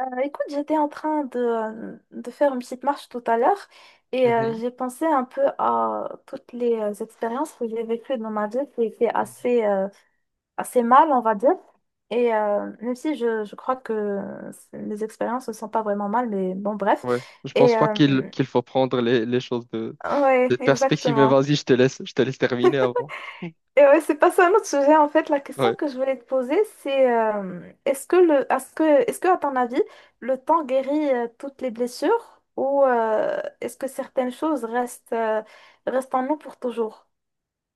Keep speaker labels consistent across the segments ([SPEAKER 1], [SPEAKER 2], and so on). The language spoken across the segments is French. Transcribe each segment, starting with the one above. [SPEAKER 1] Écoute, j'étais en train de faire une petite marche tout à l'heure et
[SPEAKER 2] Mhm.
[SPEAKER 1] j'ai pensé un peu à toutes les expériences que j'ai vécues dans ma vie qui étaient
[SPEAKER 2] Mhm.
[SPEAKER 1] assez, assez mal, on va dire. Et même si je crois que les expériences ne sont pas vraiment mal, mais bon, bref.
[SPEAKER 2] Ouais, je pense
[SPEAKER 1] Et
[SPEAKER 2] pas qu'il faut prendre les choses
[SPEAKER 1] ouais,
[SPEAKER 2] de perspective, mais
[SPEAKER 1] exactement.
[SPEAKER 2] vas-y, je te laisse terminer avant.
[SPEAKER 1] Et ouais, c'est pas ça, un autre sujet en fait. La question
[SPEAKER 2] Ouais.
[SPEAKER 1] que je voulais te poser, c'est est-ce que est-ce que à ton avis, le temps guérit toutes les blessures ou est-ce que certaines choses restent, restent en nous pour toujours?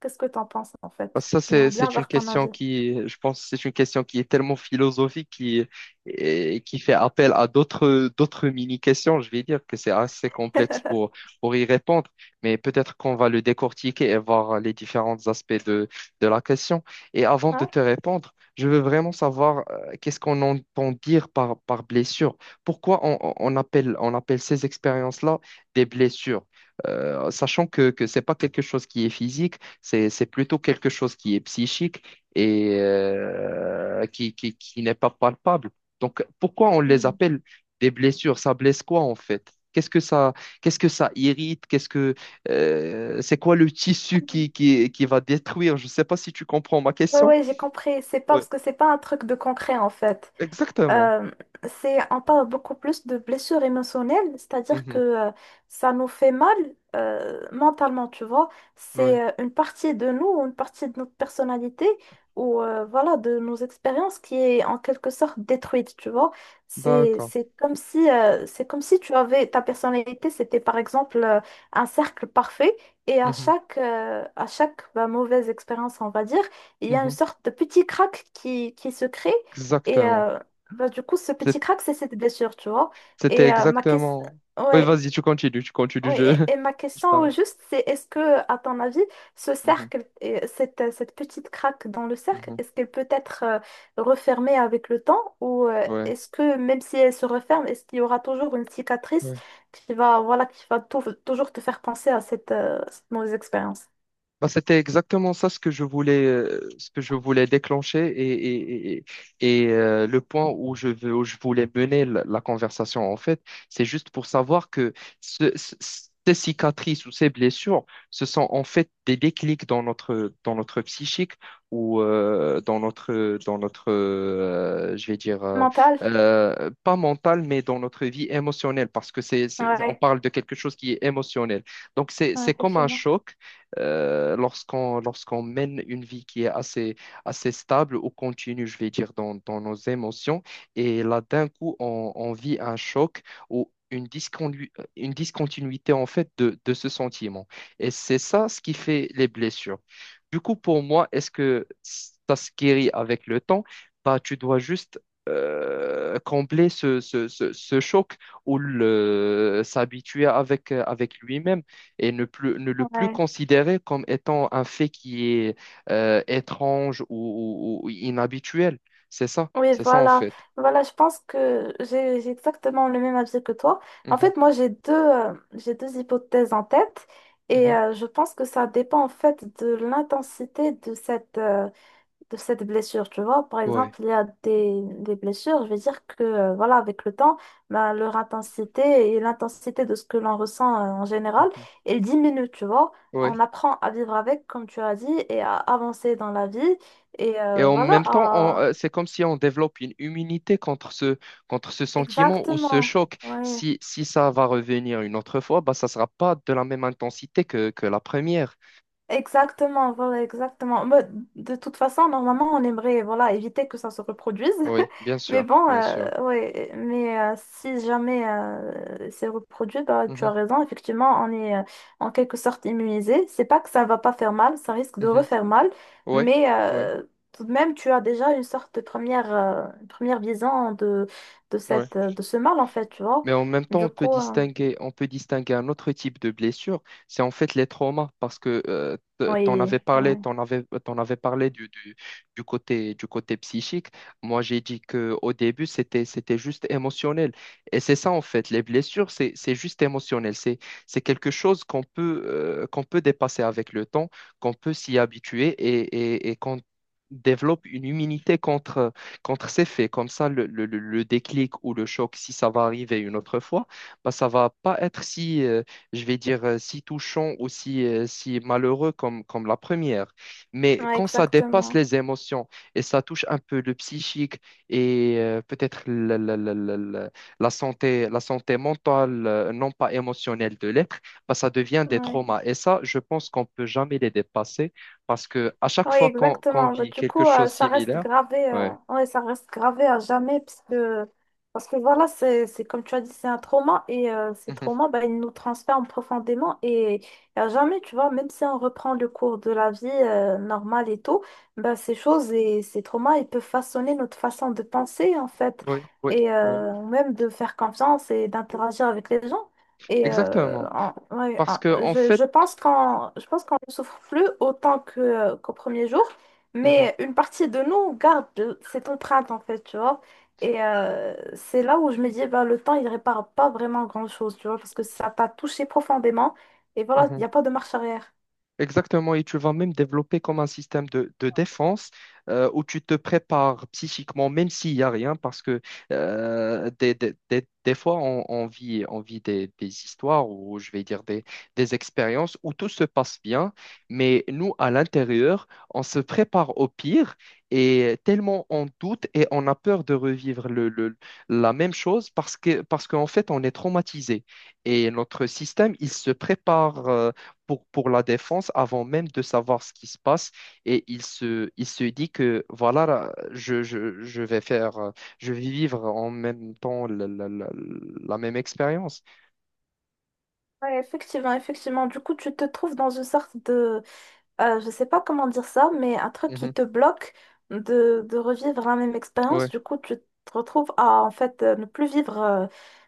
[SPEAKER 1] Qu'est-ce que t'en penses en
[SPEAKER 2] Parce que
[SPEAKER 1] fait?
[SPEAKER 2] Ça,
[SPEAKER 1] J'aimerais bien
[SPEAKER 2] c'est une
[SPEAKER 1] avoir ton
[SPEAKER 2] question
[SPEAKER 1] avis.
[SPEAKER 2] qui, je pense, que c'est une question qui est tellement philosophique qui, et qui fait appel à d'autres, d'autres mini-questions. Je vais dire que c'est assez complexe pour y répondre, mais peut-être qu'on va le décortiquer et voir les différents aspects de la question. Et avant de
[SPEAKER 1] Ouais.
[SPEAKER 2] te répondre, je veux vraiment savoir qu'est-ce qu'on entend dire par, par blessure. Pourquoi on, on appelle ces expériences-là des blessures? Sachant que ce n'est pas quelque chose qui est physique, c'est plutôt quelque chose qui est psychique et qui n'est pas palpable. Donc, pourquoi on les
[SPEAKER 1] Hmm.
[SPEAKER 2] appelle des blessures? Ça blesse quoi en fait? Qu'est-ce que ça irrite? Qu'est-ce que, c'est quoi le tissu qui va détruire? Je ne sais pas si tu comprends ma
[SPEAKER 1] Ouais,
[SPEAKER 2] question.
[SPEAKER 1] ouais, j'ai compris. C'est pas
[SPEAKER 2] Ouais,
[SPEAKER 1] parce que c'est pas un truc de concret en fait.
[SPEAKER 2] exactement.
[SPEAKER 1] Euh, c'est, on parle beaucoup plus de blessures émotionnelles, c'est-à-dire que
[SPEAKER 2] Mhm.
[SPEAKER 1] ça nous fait mal mentalement, tu vois.
[SPEAKER 2] Ouais,
[SPEAKER 1] C'est une partie de nous, une partie de notre personnalité ou voilà, de nos expériences qui est en quelque sorte détruite, tu vois.
[SPEAKER 2] d'accord.
[SPEAKER 1] C'est comme si tu avais ta personnalité, c'était par exemple un cercle parfait et à
[SPEAKER 2] Mhm.
[SPEAKER 1] à chaque bah, mauvaise expérience, on va dire, il y a une
[SPEAKER 2] Mhm.
[SPEAKER 1] sorte de petit crack qui se crée. Et,
[SPEAKER 2] Exactement.
[SPEAKER 1] euh, bah, du coup, ce petit
[SPEAKER 2] C'est-
[SPEAKER 1] crack, c'est cette blessure, tu vois.
[SPEAKER 2] C'était
[SPEAKER 1] Et ma question,
[SPEAKER 2] exactement. Oui,
[SPEAKER 1] ouais,
[SPEAKER 2] vas-y, tu continues, tu continues. Je,
[SPEAKER 1] ouais. Et ma
[SPEAKER 2] je
[SPEAKER 1] question au
[SPEAKER 2] t'arrête.
[SPEAKER 1] juste, c'est est-ce que, à ton avis, ce
[SPEAKER 2] Mhm.
[SPEAKER 1] cercle, et cette petite craque dans le cercle,
[SPEAKER 2] Mhm.
[SPEAKER 1] est-ce qu'elle peut être refermée avec le temps ou
[SPEAKER 2] Ouais.
[SPEAKER 1] est-ce que, même si elle se referme, est-ce qu'il y aura toujours une cicatrice
[SPEAKER 2] Ouais.
[SPEAKER 1] qui va, voilà, qui va toujours te faire penser à cette mauvaise expérience
[SPEAKER 2] Bah, c'était exactement ça ce que je voulais, ce que je voulais déclencher et, le point où je veux, où je voulais mener la, la conversation en fait, c'est juste pour savoir que ce- ce- ces cicatrices ou ces blessures, ce sont en fait des déclics dans notre psychique ou dans notre, je vais dire,
[SPEAKER 1] mentale?
[SPEAKER 2] pas mental, mais dans notre vie émotionnelle parce que c'est, on
[SPEAKER 1] Ouais,
[SPEAKER 2] parle de quelque chose qui est émotionnel. Donc
[SPEAKER 1] ouais,
[SPEAKER 2] c'est comme un
[SPEAKER 1] effectivement.
[SPEAKER 2] choc lorsqu'on mène une vie qui est assez, assez stable ou continue, je vais dire, dans, dans nos émotions. Et là, d'un coup, on vit un choc ou une une discontinuité, en fait, de ce sentiment. Et c'est ça ce qui fait les blessures. Du coup, pour moi, est-ce que ça se guérit avec le temps? Bah, tu dois juste combler ce, ce, ce, ce choc ou s'habituer avec, avec lui-même et ne plus, ne le plus
[SPEAKER 1] Ouais.
[SPEAKER 2] considérer comme étant un fait qui est étrange ou, ou inhabituel.
[SPEAKER 1] Oui,
[SPEAKER 2] C'est ça en
[SPEAKER 1] voilà.
[SPEAKER 2] fait.
[SPEAKER 1] Voilà, je pense que j'ai exactement le même avis que toi. En
[SPEAKER 2] Mhm,
[SPEAKER 1] fait, moi, j'ai deux hypothèses en tête et
[SPEAKER 2] mhm.
[SPEAKER 1] je pense que ça dépend en fait de l'intensité de de cette blessure. Tu vois, par
[SPEAKER 2] Ouais.
[SPEAKER 1] exemple, il y a des blessures, je vais dire que voilà, avec le temps, ben, leur intensité et l'intensité de ce que l'on ressent en général,
[SPEAKER 2] Mhm.
[SPEAKER 1] elle diminue, tu vois. On
[SPEAKER 2] Ouais.
[SPEAKER 1] apprend à vivre avec, comme tu as dit, et à avancer dans la vie. Et
[SPEAKER 2] Et en
[SPEAKER 1] voilà.
[SPEAKER 2] même temps, on, c'est comme si on développe une immunité contre ce sentiment ou ce
[SPEAKER 1] Exactement,
[SPEAKER 2] choc.
[SPEAKER 1] ouais,
[SPEAKER 2] Si, si ça va revenir une autre fois, bah, ça ne sera pas de la même intensité que la première.
[SPEAKER 1] exactement, voilà, exactement. Mais de toute façon, normalement, on aimerait, voilà, éviter que ça se reproduise.
[SPEAKER 2] Oui, bien
[SPEAKER 1] Mais
[SPEAKER 2] sûr,
[SPEAKER 1] bon,
[SPEAKER 2] bien sûr.
[SPEAKER 1] ouais, mais si jamais c'est reproduit, bah, tu as
[SPEAKER 2] Mhm,
[SPEAKER 1] raison, effectivement, on est en quelque sorte immunisé. C'est pas que ça va pas faire mal, ça risque de
[SPEAKER 2] mhm.
[SPEAKER 1] refaire mal,
[SPEAKER 2] Ouais,
[SPEAKER 1] mais
[SPEAKER 2] ouais,
[SPEAKER 1] tout de même, tu as déjà une sorte de une première vision de
[SPEAKER 2] ouais.
[SPEAKER 1] cette, de ce mal, en fait, tu vois.
[SPEAKER 2] Mais en même temps,
[SPEAKER 1] Du coup,
[SPEAKER 2] on peut distinguer un autre type de blessure, c'est en fait les traumas, parce que
[SPEAKER 1] oui, ouais.
[SPEAKER 2] t'en avais parlé du côté psychique. Moi, j'ai dit que au début, c'était, c'était juste émotionnel. Et c'est ça, en fait, les blessures, c'est juste émotionnel. C'est quelque chose qu'on peut dépasser avec le temps, qu'on peut s'y habituer et qu'on développe une immunité contre ces faits, comme ça, le, le déclic ou le choc, si ça va arriver une autre fois, bah, ça va pas être si, je vais dire, si touchant ou si, si malheureux comme, comme la première. Mais
[SPEAKER 1] Ouais,
[SPEAKER 2] quand ça dépasse
[SPEAKER 1] exactement.
[SPEAKER 2] les émotions et ça touche un peu le psychique et peut-être la, la santé mentale, non pas émotionnelle de l'être, bah, ça devient des
[SPEAKER 1] Ouais.
[SPEAKER 2] traumas. Et ça, je pense qu'on peut jamais les dépasser parce que à chaque
[SPEAKER 1] Ouais,
[SPEAKER 2] fois qu'on
[SPEAKER 1] exactement. Bah,
[SPEAKER 2] vit
[SPEAKER 1] du
[SPEAKER 2] quelque
[SPEAKER 1] coup,
[SPEAKER 2] chose de
[SPEAKER 1] ça reste
[SPEAKER 2] similaire,
[SPEAKER 1] gravé,
[SPEAKER 2] ouais.
[SPEAKER 1] ouais, ça reste gravé à jamais parce que voilà, c'est comme tu as dit, c'est un trauma et ces
[SPEAKER 2] Mhm.
[SPEAKER 1] traumas, bah, ils nous transforment profondément et à jamais, tu vois, même si on reprend le cours de la vie normale et tout, bah, ces choses et ces traumas, ils peuvent façonner notre façon de penser en fait
[SPEAKER 2] Oui, oui,
[SPEAKER 1] et
[SPEAKER 2] oui.
[SPEAKER 1] même de faire confiance et d'interagir avec les gens. Et
[SPEAKER 2] Exactement. Parce que, en
[SPEAKER 1] je,
[SPEAKER 2] fait,
[SPEAKER 1] je pense qu'on je pense qu'on ne souffre plus autant qu'au premier jour,
[SPEAKER 2] mhm,
[SPEAKER 1] mais une partie de nous garde cette empreinte en fait, tu vois. Et c'est là où je me dis, bah, le temps, il répare pas vraiment grand-chose, tu vois, parce que ça t'a touché profondément. Et voilà, il
[SPEAKER 2] mhm.
[SPEAKER 1] n'y a pas de marche arrière.
[SPEAKER 2] Exactement, et tu vas même développer comme un système de défense où tu te prépares psychiquement, même s'il n'y a rien, parce que des, des fois, on vit des histoires ou je vais dire des expériences où tout se passe bien, mais nous, à l'intérieur, on se prépare au pire et tellement on doute et on a peur de revivre le, la même chose parce que, parce qu'en fait, on est traumatisé et notre système, il se prépare. Pour la défense avant même de savoir ce qui se passe. Et il se dit que voilà, là, je vais faire, je vais vivre en même temps la, la même expérience.
[SPEAKER 1] Ouais, effectivement, effectivement. Du coup, tu te trouves dans une sorte de, je sais pas comment dire ça, mais un truc qui
[SPEAKER 2] Mhm.
[SPEAKER 1] te bloque de revivre la même expérience.
[SPEAKER 2] Ouais,
[SPEAKER 1] Du coup, tu te retrouves à en fait ne plus vivre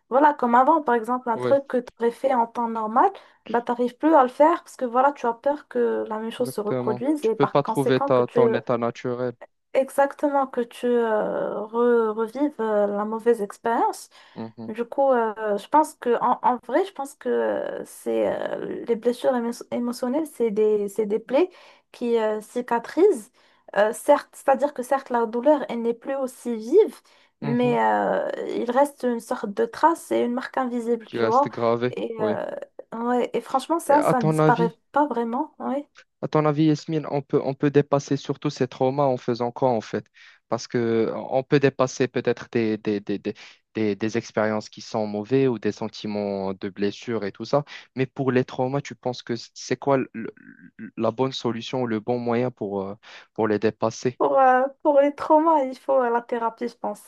[SPEAKER 1] voilà, comme avant. Par exemple, un
[SPEAKER 2] ouais,
[SPEAKER 1] truc que tu aurais fait en temps normal, bah, t'arrives plus à le faire parce que voilà, tu as peur que la même chose se
[SPEAKER 2] exactement.
[SPEAKER 1] reproduise
[SPEAKER 2] Tu
[SPEAKER 1] et
[SPEAKER 2] peux
[SPEAKER 1] par
[SPEAKER 2] pas trouver
[SPEAKER 1] conséquent que
[SPEAKER 2] ta,
[SPEAKER 1] tu
[SPEAKER 2] ton état naturel.
[SPEAKER 1] exactement que tu revives la mauvaise expérience.
[SPEAKER 2] Mhm.
[SPEAKER 1] Du coup, je pense que en vrai, je pense que c'est les blessures émotionnelles, c'est c'est des plaies qui cicatrisent. Certes, c'est-à-dire que certes, la douleur, elle n'est plus aussi vive,
[SPEAKER 2] Mhm.
[SPEAKER 1] mais il reste une sorte de trace et une marque invisible,
[SPEAKER 2] Qui
[SPEAKER 1] tu
[SPEAKER 2] reste
[SPEAKER 1] vois.
[SPEAKER 2] gravé.
[SPEAKER 1] Et,
[SPEAKER 2] Oui.
[SPEAKER 1] euh, ouais, et franchement,
[SPEAKER 2] Et
[SPEAKER 1] ça,
[SPEAKER 2] à
[SPEAKER 1] ça ne
[SPEAKER 2] ton
[SPEAKER 1] disparaît
[SPEAKER 2] avis?
[SPEAKER 1] pas vraiment. Ouais.
[SPEAKER 2] À ton avis, Yasmine, on peut dépasser surtout ces traumas en faisant quoi en fait? Parce que on peut dépasser peut-être des expériences qui sont mauvaises ou des sentiments de blessure et tout ça. Mais pour les traumas, tu penses que c'est quoi la bonne solution ou le bon moyen pour les dépasser?
[SPEAKER 1] Pour les traumas, il faut la thérapie, je pense.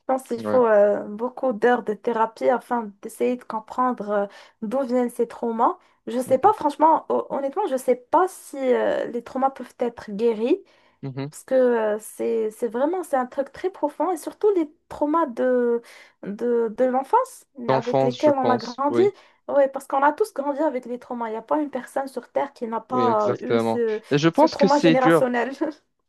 [SPEAKER 1] Je pense qu'il
[SPEAKER 2] Ouais.
[SPEAKER 1] faut beaucoup d'heures de thérapie afin d'essayer de comprendre d'où viennent ces traumas. Je sais
[SPEAKER 2] Mhm.
[SPEAKER 1] pas, franchement, honnêtement, je sais pas si les traumas peuvent être guéris,
[SPEAKER 2] Mhm.
[SPEAKER 1] parce que c'est vraiment, c'est un truc très profond, et surtout les traumas de l'enfance avec
[SPEAKER 2] D'enfance, je
[SPEAKER 1] lesquels on a
[SPEAKER 2] pense.
[SPEAKER 1] grandi.
[SPEAKER 2] Oui,
[SPEAKER 1] Ouais, parce qu'on a tous grandi avec les traumas. Il n'y a pas une personne sur Terre qui n'a
[SPEAKER 2] oui,
[SPEAKER 1] pas eu
[SPEAKER 2] exactement. Et je
[SPEAKER 1] ce
[SPEAKER 2] pense que
[SPEAKER 1] trauma
[SPEAKER 2] c'est dur.
[SPEAKER 1] générationnel.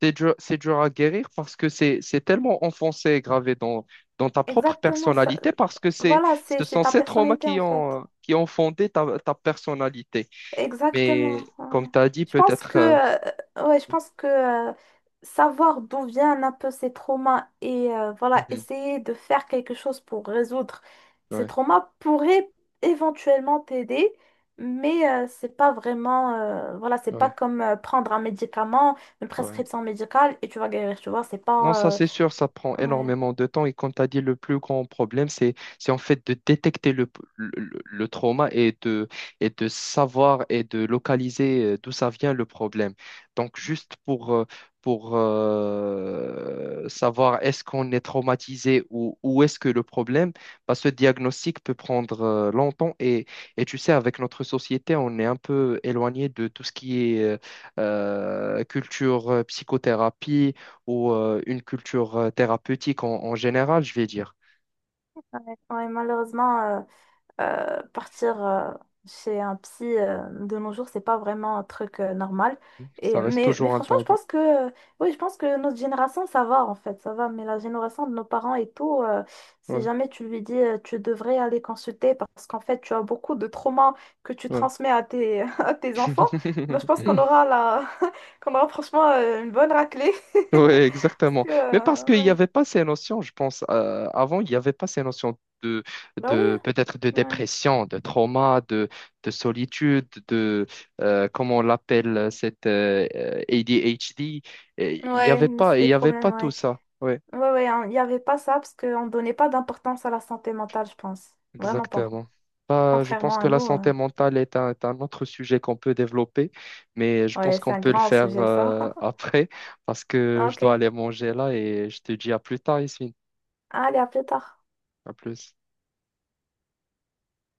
[SPEAKER 2] C'est dur, c'est dur à guérir parce que c'est tellement enfoncé et gravé dans, dans ta propre
[SPEAKER 1] Exactement, ça...
[SPEAKER 2] personnalité parce que c'est,
[SPEAKER 1] voilà,
[SPEAKER 2] ce
[SPEAKER 1] c'est
[SPEAKER 2] sont
[SPEAKER 1] ta
[SPEAKER 2] ces traumas
[SPEAKER 1] personnalité en fait.
[SPEAKER 2] qui ont fondé ta, ta personnalité. Mais
[SPEAKER 1] Exactement.
[SPEAKER 2] comme
[SPEAKER 1] Ouais.
[SPEAKER 2] tu as dit,
[SPEAKER 1] Je pense
[SPEAKER 2] peut-être...
[SPEAKER 1] que, euh, ouais, je pense que savoir d'où viennent un peu ces traumas et voilà,
[SPEAKER 2] mhm,
[SPEAKER 1] essayer de faire quelque chose pour résoudre ces
[SPEAKER 2] ouais,
[SPEAKER 1] traumas pourrait éventuellement t'aider, mais c'est pas vraiment, voilà, c'est pas
[SPEAKER 2] ouais,
[SPEAKER 1] comme prendre un médicament, une
[SPEAKER 2] ouais.
[SPEAKER 1] prescription médicale et tu vas guérir, tu vois, c'est
[SPEAKER 2] Non,
[SPEAKER 1] pas,
[SPEAKER 2] ça c'est sûr, ça prend
[SPEAKER 1] ouais,
[SPEAKER 2] énormément de temps. Et comme tu as dit, le plus grand problème, c'est en fait de détecter le, le trauma et de savoir et de localiser d'où ça vient le problème. Donc, juste pour savoir est-ce qu'on est traumatisé ou où est-ce que le problème, bah, ce diagnostic peut prendre longtemps. Et tu sais, avec notre société, on est un peu éloigné de tout ce qui est culture, psychothérapie ou une culture thérapeutique en, en général, je vais dire.
[SPEAKER 1] ouais, malheureusement. Partir chez un psy de nos jours, c'est pas vraiment un truc normal.
[SPEAKER 2] Ça
[SPEAKER 1] Et,
[SPEAKER 2] reste
[SPEAKER 1] mais
[SPEAKER 2] toujours un
[SPEAKER 1] franchement, je
[SPEAKER 2] tabou.
[SPEAKER 1] pense que, oui, je pense que notre génération, ça va en fait, ça va. Mais la génération de nos parents et tout, si
[SPEAKER 2] Ouais,
[SPEAKER 1] jamais tu lui dis, tu devrais aller consulter parce qu'en fait, tu as beaucoup de traumas que tu
[SPEAKER 2] ouais.
[SPEAKER 1] transmets à tes, à tes enfants, bah, je pense qu'on aura la... qu'on aura franchement une bonne raclée.
[SPEAKER 2] Ouais,
[SPEAKER 1] Parce
[SPEAKER 2] exactement.
[SPEAKER 1] que,
[SPEAKER 2] Mais parce qu'il n'y
[SPEAKER 1] ouais.
[SPEAKER 2] avait pas ces notions, je pense, avant, il n'y avait pas ces notions
[SPEAKER 1] Bah oui.
[SPEAKER 2] de peut-être de
[SPEAKER 1] Ouais,
[SPEAKER 2] dépression, de trauma, de solitude, de, comment on l'appelle, cette ADHD. Et il n'y
[SPEAKER 1] ouais,
[SPEAKER 2] avait
[SPEAKER 1] mais
[SPEAKER 2] pas,
[SPEAKER 1] c'est
[SPEAKER 2] il
[SPEAKER 1] des
[SPEAKER 2] y avait pas
[SPEAKER 1] problèmes,
[SPEAKER 2] tout
[SPEAKER 1] ouais.
[SPEAKER 2] ça. Ouais.
[SPEAKER 1] Ouais, ouais, hein, il n'y avait pas ça parce qu'on ne donnait pas d'importance à la santé mentale, je pense. Vraiment pas.
[SPEAKER 2] Exactement. Bah, je pense
[SPEAKER 1] Contrairement à
[SPEAKER 2] que la
[SPEAKER 1] nous. Euh,
[SPEAKER 2] santé mentale est un autre sujet qu'on peut développer, mais je pense
[SPEAKER 1] ouais, c'est
[SPEAKER 2] qu'on
[SPEAKER 1] un
[SPEAKER 2] peut le
[SPEAKER 1] grand
[SPEAKER 2] faire
[SPEAKER 1] sujet, ça.
[SPEAKER 2] après parce que je dois
[SPEAKER 1] Ok.
[SPEAKER 2] aller manger là et je te dis à plus tard, ici.
[SPEAKER 1] Allez, à plus tard.
[SPEAKER 2] À plus.